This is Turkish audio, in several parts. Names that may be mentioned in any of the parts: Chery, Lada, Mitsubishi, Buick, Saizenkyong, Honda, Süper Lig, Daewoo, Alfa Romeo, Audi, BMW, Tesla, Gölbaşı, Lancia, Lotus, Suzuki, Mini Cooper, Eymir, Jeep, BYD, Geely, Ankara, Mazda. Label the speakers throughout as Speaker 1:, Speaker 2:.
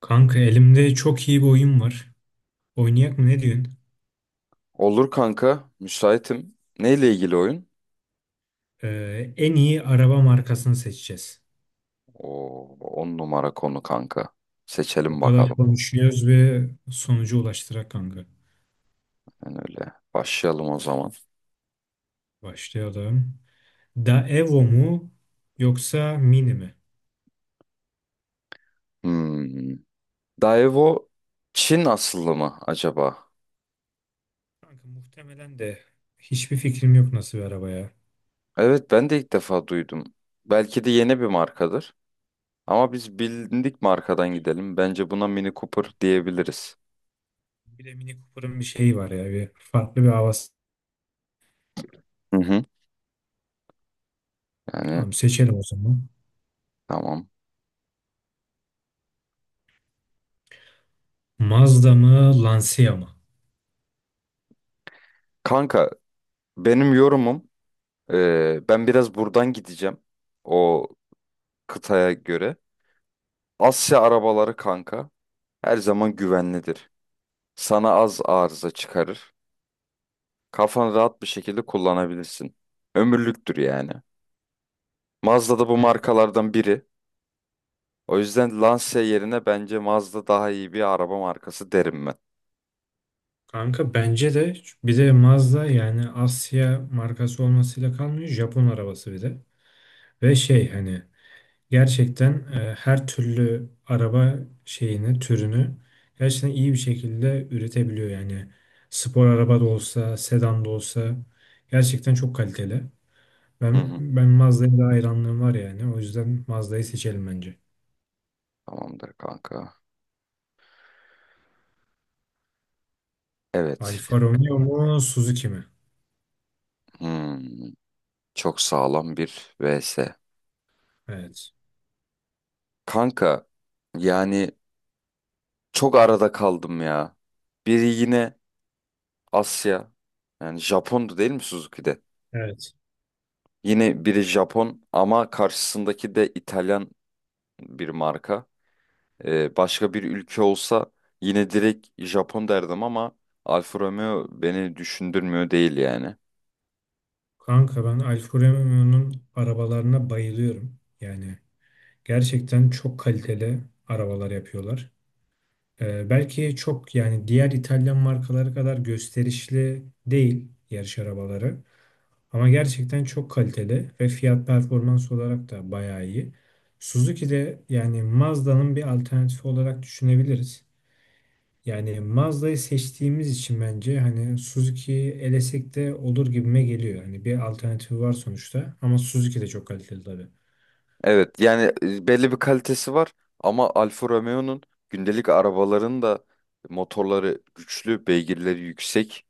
Speaker 1: Kanka elimde çok iyi bir oyun var. Oynayak mı ne diyorsun?
Speaker 2: Olur kanka, müsaitim. Neyle ilgili oyun?
Speaker 1: En iyi araba markasını seçeceğiz.
Speaker 2: Oo, on numara konu kanka.
Speaker 1: O
Speaker 2: Seçelim
Speaker 1: kadar
Speaker 2: bakalım.
Speaker 1: konuşuyoruz ve sonuca ulaştırak kanka.
Speaker 2: Yani öyle. Başlayalım o zaman.
Speaker 1: Başlayalım. Daewoo mu yoksa Mini mi?
Speaker 2: Hmm. Daewoo Çin asıllı mı acaba?
Speaker 1: Kanka muhtemelen de hiçbir fikrim yok nasıl bir araba ya.
Speaker 2: Evet ben de ilk defa duydum. Belki de yeni bir markadır. Ama biz bilindik markadan gidelim. Bence buna Mini Cooper diyebiliriz.
Speaker 1: Bir de Mini Cooper'ın bir şeyi var ya. Bir farklı bir havası.
Speaker 2: Hı hı. Yani
Speaker 1: Tamam, seçelim o zaman.
Speaker 2: tamam.
Speaker 1: Mazda mı Lancia mı?
Speaker 2: Kanka benim yorumum ben biraz buradan gideceğim. O kıtaya göre. Asya arabaları kanka her zaman güvenlidir. Sana az arıza çıkarır. Kafanı rahat bir şekilde kullanabilirsin. Ömürlüktür yani. Mazda da bu
Speaker 1: Hmm.
Speaker 2: markalardan biri. O yüzden Lancia yerine bence Mazda daha iyi bir araba markası derim ben.
Speaker 1: Kanka bence de bir de Mazda yani Asya markası olmasıyla kalmıyor, Japon arabası bir de. Ve şey hani gerçekten her türlü araba şeyini türünü gerçekten iyi bir şekilde üretebiliyor yani. Spor araba da olsa sedan da olsa gerçekten çok kaliteli.
Speaker 2: Hı
Speaker 1: Ben
Speaker 2: hı.
Speaker 1: ben Mazda'ya da hayranlığım var yani, o yüzden Mazda'yı seçelim bence.
Speaker 2: Tamamdır kanka. Evet.
Speaker 1: Alfa Romeo mu Suzuki mi?
Speaker 2: Hmm. Çok sağlam bir vs.
Speaker 1: Evet.
Speaker 2: Kanka yani çok arada kaldım ya. Biri yine Asya. Yani Japon'du değil mi Suzuki'de?
Speaker 1: Evet.
Speaker 2: Yine biri Japon ama karşısındaki de İtalyan bir marka. Başka bir ülke olsa yine direkt Japon derdim ama Alfa Romeo beni düşündürmüyor değil yani.
Speaker 1: Kanka ben Alfa Romeo'nun arabalarına bayılıyorum. Yani gerçekten çok kaliteli arabalar yapıyorlar. Belki çok yani diğer İtalyan markaları kadar gösterişli değil yarış arabaları. Ama gerçekten çok kaliteli ve fiyat performans olarak da bayağı iyi. Suzuki de yani Mazda'nın bir alternatifi olarak düşünebiliriz. Yani Mazda'yı seçtiğimiz için bence hani Suzuki'yi elesek de olur gibime geliyor. Hani bir alternatifi var sonuçta, ama Suzuki de çok kaliteli tabii.
Speaker 2: Evet yani belli bir kalitesi var ama Alfa Romeo'nun gündelik arabaların da motorları güçlü, beygirleri yüksek.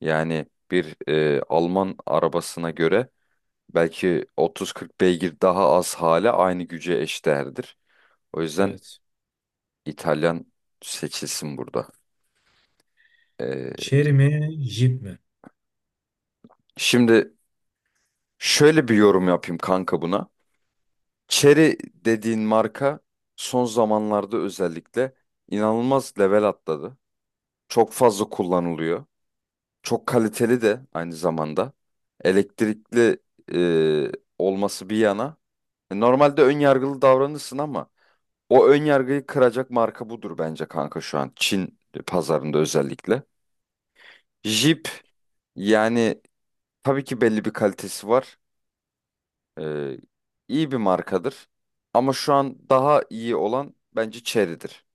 Speaker 2: Yani bir Alman arabasına göre belki 30-40 beygir daha az hale aynı güce eşdeğerdir. O yüzden
Speaker 1: Evet.
Speaker 2: İtalyan seçilsin burada. Ee,
Speaker 1: Chery mi, Jeep mi?
Speaker 2: Şimdi şöyle bir yorum yapayım kanka buna. Cherry dediğin marka son zamanlarda özellikle inanılmaz level atladı. Çok fazla kullanılıyor. Çok kaliteli de aynı zamanda. Elektrikli e, olması bir yana. Normalde ön yargılı davranırsın ama o ön yargıyı kıracak marka budur bence kanka şu an. Çin pazarında özellikle. Jeep yani tabii ki belli bir kalitesi var. Ee, iyi bir markadır. Ama şu an daha iyi olan bence Chery'dir.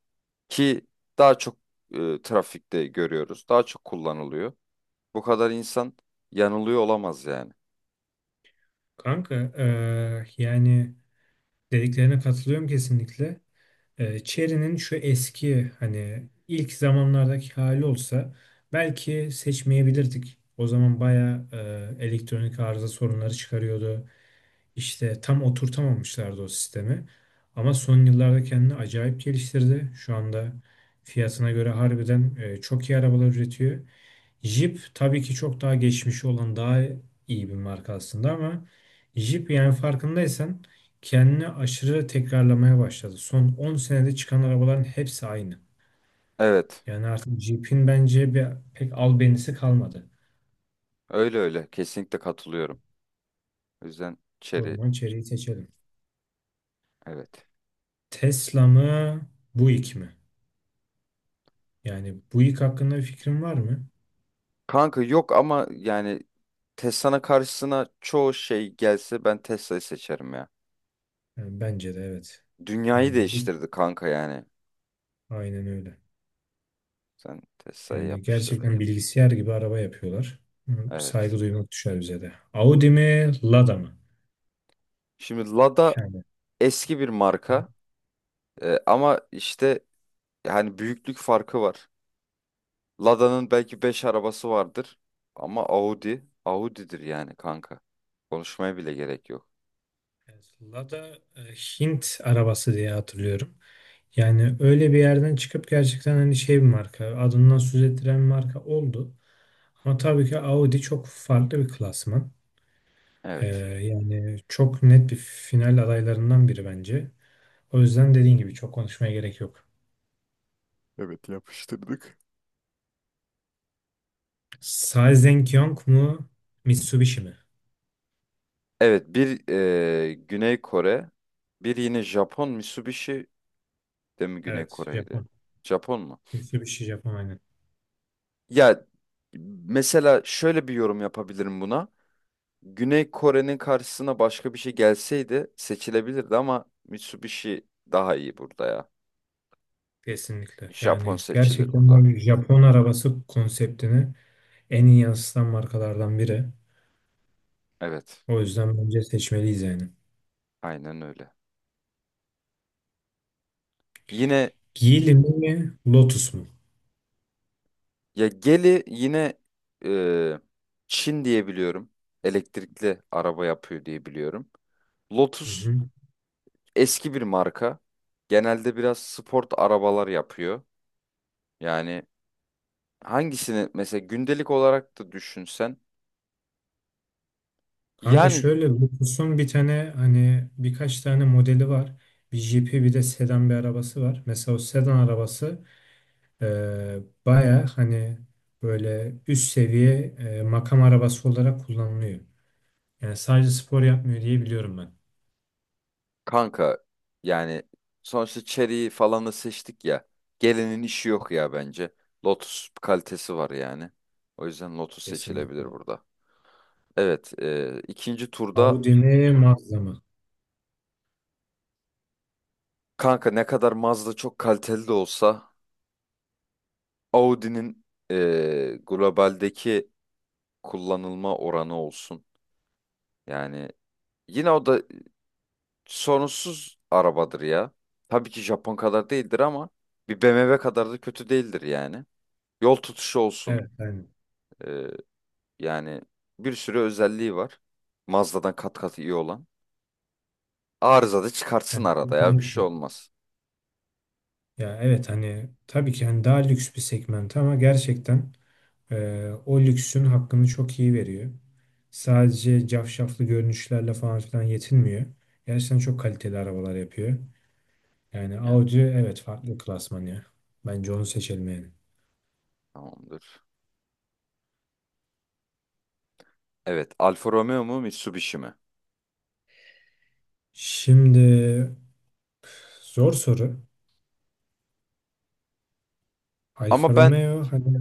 Speaker 2: Ki daha çok trafikte görüyoruz. Daha çok kullanılıyor. Bu kadar insan yanılıyor olamaz yani.
Speaker 1: Kanka yani dediklerine katılıyorum kesinlikle. Chery'nin şu eski hani ilk zamanlardaki hali olsa belki seçmeyebilirdik. O zaman bayağı elektronik arıza sorunları çıkarıyordu. İşte tam oturtamamışlardı o sistemi. Ama son yıllarda kendini acayip geliştirdi. Şu anda fiyatına göre harbiden çok iyi arabalar üretiyor. Jeep tabii ki çok daha geçmişi olan daha iyi bir marka aslında, ama Jeep yani farkındaysan kendini aşırı tekrarlamaya başladı. Son 10 senede çıkan arabaların hepsi aynı.
Speaker 2: Evet.
Speaker 1: Yani artık Jeep'in bence bir, pek albenisi kalmadı.
Speaker 2: Öyle öyle. Kesinlikle katılıyorum. O yüzden
Speaker 1: O
Speaker 2: Chery
Speaker 1: zaman içeriği seçelim.
Speaker 2: evet.
Speaker 1: Tesla mı, Buick mi? Yani bu ilk hakkında bir fikrin var mı?
Speaker 2: Kanka yok ama yani Tesla'nın karşısına çoğu şey gelse ben Tesla'yı seçerim ya.
Speaker 1: Yani bence de evet.
Speaker 2: Dünyayı
Speaker 1: Yani bir,
Speaker 2: değiştirdi kanka yani.
Speaker 1: aynen öyle.
Speaker 2: Sen Tesla'yı
Speaker 1: Yani
Speaker 2: yapıştırdın.
Speaker 1: gerçekten bilgisayar gibi araba yapıyorlar. Hı,
Speaker 2: Evet.
Speaker 1: saygı duymak düşer bize de. Audi mi, Lada mı?
Speaker 2: Şimdi Lada
Speaker 1: Yani
Speaker 2: eski bir marka ama işte yani büyüklük farkı var. Lada'nın belki 5 arabası vardır ama Audi Audi'dir yani kanka. Konuşmaya bile gerek yok.
Speaker 1: evet, Lada Hint arabası diye hatırlıyorum. Yani öyle bir yerden çıkıp gerçekten hani şey bir marka, adından söz ettiren bir marka oldu. Ama tabii ki Audi çok farklı bir klasman. Ee,
Speaker 2: Evet.
Speaker 1: Yani çok net bir final adaylarından biri bence. O yüzden dediğin gibi çok konuşmaya gerek yok.
Speaker 2: Evet yapıştırdık.
Speaker 1: Saizenkyong mu? Mitsubishi mi?
Speaker 2: Evet bir Güney Kore bir yine Japon Mitsubishi de mi Güney
Speaker 1: Evet,
Speaker 2: Kore'ydi?
Speaker 1: Japon.
Speaker 2: Japon mu?
Speaker 1: Mitsubishi Japon aynen.
Speaker 2: Ya mesela şöyle bir yorum yapabilirim buna. Güney Kore'nin karşısına başka bir şey gelseydi seçilebilirdi ama Mitsubishi daha iyi burada ya.
Speaker 1: Kesinlikle.
Speaker 2: Japon
Speaker 1: Yani
Speaker 2: seçilir
Speaker 1: gerçekten
Speaker 2: burada.
Speaker 1: o Japon arabası konseptini en iyi yansıtan markalardan biri.
Speaker 2: Evet,
Speaker 1: O yüzden bence seçmeliyiz yani.
Speaker 2: aynen öyle. Yine
Speaker 1: Geely mi? Lotus mu?
Speaker 2: ya Geli yine e, Çin diye biliyorum. Elektrikli araba yapıyor diye biliyorum.
Speaker 1: Hı
Speaker 2: Lotus
Speaker 1: hı.
Speaker 2: eski bir marka. Genelde biraz sport arabalar yapıyor. Yani hangisini mesela gündelik olarak da düşünsen.
Speaker 1: Kanka
Speaker 2: Yani
Speaker 1: şöyle, Lotus'un bir tane hani birkaç tane modeli var. Bir jipi bir de sedan bir arabası var. Mesela o sedan arabası Eee baya hani böyle üst seviye makam arabası olarak kullanılıyor. Yani sadece spor yapmıyor diye biliyorum ben.
Speaker 2: kanka yani sonuçta Cherry'i falanı seçtik ya. Gelinin işi yok ya bence. Lotus kalitesi var yani. O yüzden Lotus seçilebilir
Speaker 1: Kesinlikle.
Speaker 2: burada. Evet ikinci turda
Speaker 1: Audi mi Mazda mı?
Speaker 2: kanka ne kadar Mazda çok kaliteli de olsa Audi'nin globaldeki kullanılma oranı olsun. Yani yine o da sorunsuz arabadır ya. Tabii ki Japon kadar değildir ama bir BMW kadar da kötü değildir yani. Yol tutuşu olsun.
Speaker 1: Evet aynen.
Speaker 2: Yani bir sürü özelliği var. Mazda'dan kat kat iyi olan. Arıza da çıkartsın
Speaker 1: Yani
Speaker 2: arada ya bir şey
Speaker 1: kesinlikle.
Speaker 2: olmaz.
Speaker 1: Ya evet hani tabii ki hani daha lüks bir segment, ama gerçekten o lüksün hakkını çok iyi veriyor. Sadece cafcaflı görünüşlerle falan filan yetinmiyor. Gerçekten çok kaliteli arabalar yapıyor. Yani
Speaker 2: Yani
Speaker 1: Audi evet farklı klasman ya. Bence onu seçelim yani.
Speaker 2: tamamdır. Evet, Alfa Romeo mu Mitsubishi mi?
Speaker 1: Şimdi zor soru. Alfa
Speaker 2: Ama ben
Speaker 1: Romeo hani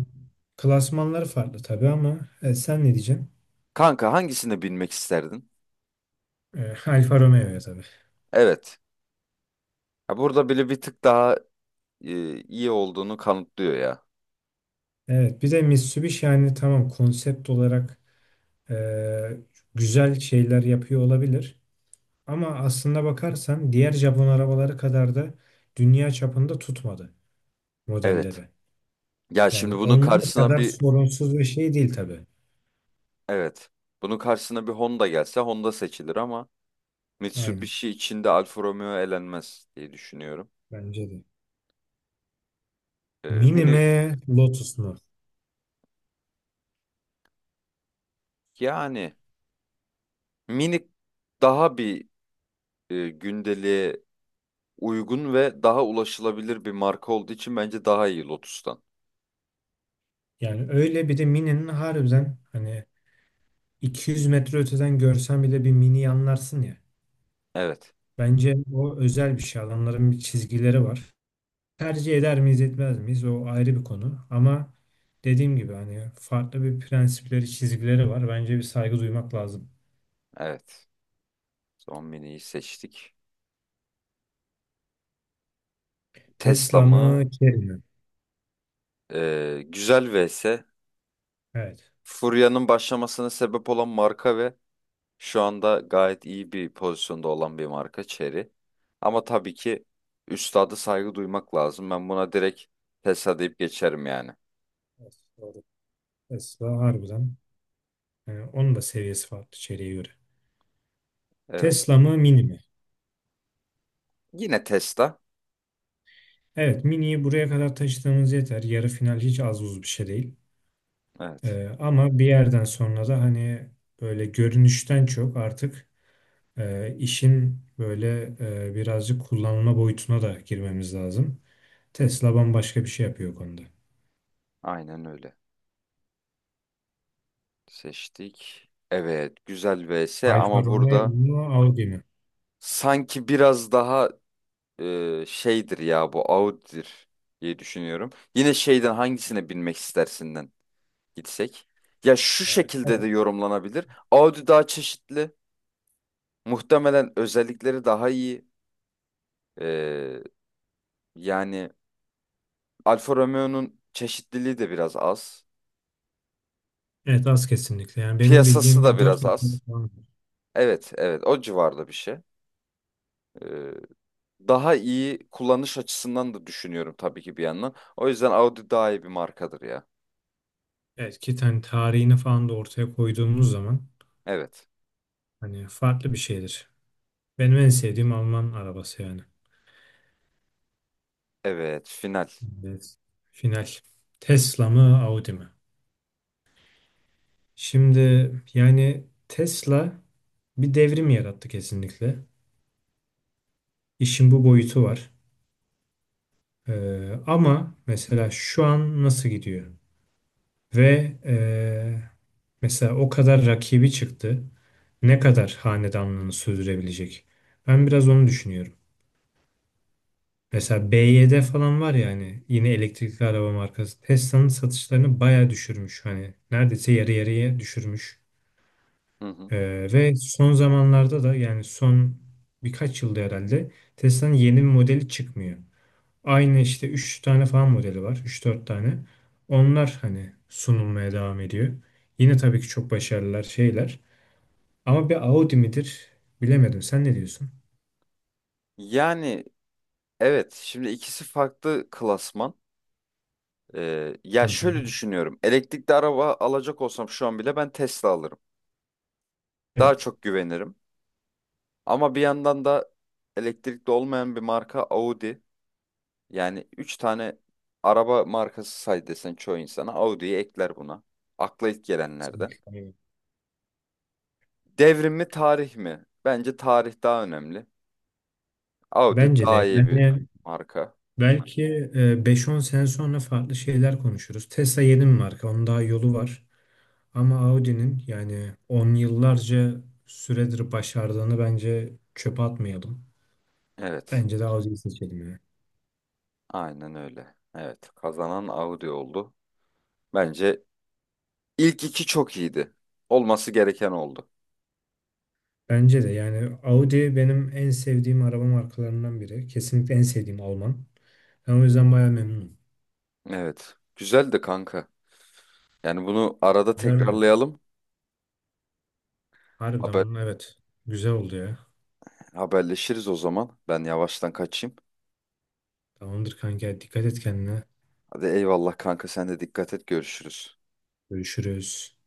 Speaker 1: klasmanları farklı tabii ama sen ne diyeceksin?
Speaker 2: kanka hangisini binmek isterdin?
Speaker 1: E, Alfa Romeo'ya tabii.
Speaker 2: Evet. Ya burada bile bir tık daha iyi olduğunu kanıtlıyor ya.
Speaker 1: Evet bir de Mitsubishi yani tamam konsept olarak e, güzel şeyler yapıyor olabilir. Ama aslında bakarsan diğer Japon arabaları kadar da dünya çapında tutmadı
Speaker 2: Evet.
Speaker 1: modelleri.
Speaker 2: Ya
Speaker 1: Yani
Speaker 2: şimdi bunun
Speaker 1: onun
Speaker 2: karşısına
Speaker 1: kadar
Speaker 2: bir
Speaker 1: sorunsuz bir şey değil tabii.
Speaker 2: evet. Bunun karşısına bir Honda gelse Honda seçilir ama
Speaker 1: Aynen,
Speaker 2: Mitsubishi içinde Alfa Romeo elenmez diye düşünüyorum.
Speaker 1: bence de. Mini
Speaker 2: Mini
Speaker 1: mi Lotus mu?
Speaker 2: yani minik daha bir gündeliğe uygun ve daha ulaşılabilir bir marka olduğu için bence daha iyi Lotus'tan.
Speaker 1: Yani öyle, bir de Mini'nin harbiden hani 200 metre öteden görsen bile bir Mini'yi anlarsın ya.
Speaker 2: Evet,
Speaker 1: Bence o özel bir şey. Adamların bir çizgileri var. Tercih eder miyiz etmez miyiz o ayrı bir konu. Ama dediğim gibi hani farklı bir prensipleri çizgileri var. Bence bir saygı duymak lazım.
Speaker 2: evet. Son mini'yi seçtik. Tesla
Speaker 1: Tesla
Speaker 2: mı?
Speaker 1: mı Chery mi?
Speaker 2: Güzel vs.
Speaker 1: Evet.
Speaker 2: Furya'nın başlamasına sebep olan marka ve şu anda gayet iyi bir pozisyonda olan bir marka Chery. Ama tabii ki üstada saygı duymak lazım. Ben buna direkt Tesla deyip geçerim yani.
Speaker 1: Evet, doğru. Tesla harbiden. Yani onun da seviyesi farklı Chery'e göre.
Speaker 2: Evet.
Speaker 1: Tesla mı Mini mi?
Speaker 2: Yine Tesla.
Speaker 1: Evet, Mini'yi buraya kadar taşıdığımız yeter. Yarı final hiç az buz bir şey değil.
Speaker 2: Evet.
Speaker 1: Ama bir yerden sonra da hani böyle görünüşten çok artık işin böyle birazcık kullanılma boyutuna da girmemiz lazım. Tesla bambaşka bir şey yapıyor o konuda.
Speaker 2: Aynen öyle. Seçtik. Evet, güzel vs
Speaker 1: Alfa
Speaker 2: ama
Speaker 1: Romeo
Speaker 2: burada
Speaker 1: mu Audi mi?
Speaker 2: sanki biraz daha şeydir ya bu Audi'dir diye düşünüyorum. Yine şeyden hangisine binmek istersinden gitsek. Ya şu
Speaker 1: Evet.
Speaker 2: şekilde de yorumlanabilir. Audi daha çeşitli. Muhtemelen özellikleri daha iyi. E, Yani Alfa Romeo'nun çeşitliliği de biraz az.
Speaker 1: Evet az, kesinlikle. Yani benim
Speaker 2: Piyasası
Speaker 1: bildiğim
Speaker 2: da
Speaker 1: bir dört
Speaker 2: biraz
Speaker 1: model
Speaker 2: az.
Speaker 1: falan var.
Speaker 2: Evet, evet, o civarda bir şey. E, Daha iyi kullanış açısından da düşünüyorum tabii ki bir yandan. O yüzden Audi daha iyi bir markadır ya.
Speaker 1: Evet, ki hani tarihini falan da ortaya koyduğumuz zaman
Speaker 2: Evet.
Speaker 1: hani farklı bir şeydir. Benim en sevdiğim Alman arabası yani.
Speaker 2: Evet, final.
Speaker 1: Evet. Final. Tesla mı Audi mi? Şimdi yani Tesla bir devrim yarattı kesinlikle. İşin bu boyutu var. Ama mesela şu an nasıl gidiyor? Ve e, mesela o kadar rakibi çıktı. Ne kadar hanedanlığını sürdürebilecek? Ben biraz onu düşünüyorum. Mesela BYD falan var ya hani yine elektrikli araba markası. Tesla'nın satışlarını bayağı düşürmüş. Hani neredeyse yarı yarıya düşürmüş.
Speaker 2: Hı hı.
Speaker 1: Ve son zamanlarda da yani son birkaç yılda herhalde Tesla'nın yeni bir modeli çıkmıyor. Aynı işte 3 tane falan modeli var. Üç dört tane. Onlar hani sunulmaya devam ediyor. Yine tabii ki çok başarılılar şeyler. Ama bir Audi midir? Bilemedim. Sen ne diyorsun?
Speaker 2: Yani evet, şimdi ikisi farklı klasman.
Speaker 1: Hı
Speaker 2: Ya
Speaker 1: hı.
Speaker 2: şöyle düşünüyorum. Elektrikli araba alacak olsam şu an bile ben Tesla alırım. Daha
Speaker 1: Evet.
Speaker 2: çok güvenirim. Ama bir yandan da elektrikli olmayan bir marka Audi. Yani 3 tane araba markası say desen çoğu insana Audi'yi ekler buna. Akla ilk gelenlerden.
Speaker 1: Kesinlikle.
Speaker 2: Devrim mi tarih mi? Bence tarih daha önemli. Audi
Speaker 1: Bence
Speaker 2: daha
Speaker 1: de.
Speaker 2: iyi bir
Speaker 1: Yani
Speaker 2: marka.
Speaker 1: belki 5-10 sene sonra farklı şeyler konuşuruz. Tesla yeni bir marka. Onun daha yolu var. Ama Audi'nin yani on yıllarca süredir başardığını bence çöpe atmayalım.
Speaker 2: Evet.
Speaker 1: Bence de Audi'yi seçelim ya.
Speaker 2: Aynen öyle. Evet. Kazanan Audi oldu. Bence ilk iki çok iyiydi. Olması gereken oldu.
Speaker 1: Bence de yani Audi benim en sevdiğim araba markalarından biri. Kesinlikle en sevdiğim Alman. Ben o yüzden bayağı memnunum.
Speaker 2: Evet. Güzeldi kanka. Yani bunu arada
Speaker 1: Güzeldi.
Speaker 2: tekrarlayalım.
Speaker 1: Harbiden
Speaker 2: Haber,
Speaker 1: bunun evet. Güzel oldu ya.
Speaker 2: Haberleşiriz o zaman. Ben yavaştan kaçayım.
Speaker 1: Tamamdır kanka. Dikkat et kendine.
Speaker 2: Hadi eyvallah kanka sen de dikkat et görüşürüz.
Speaker 1: Görüşürüz.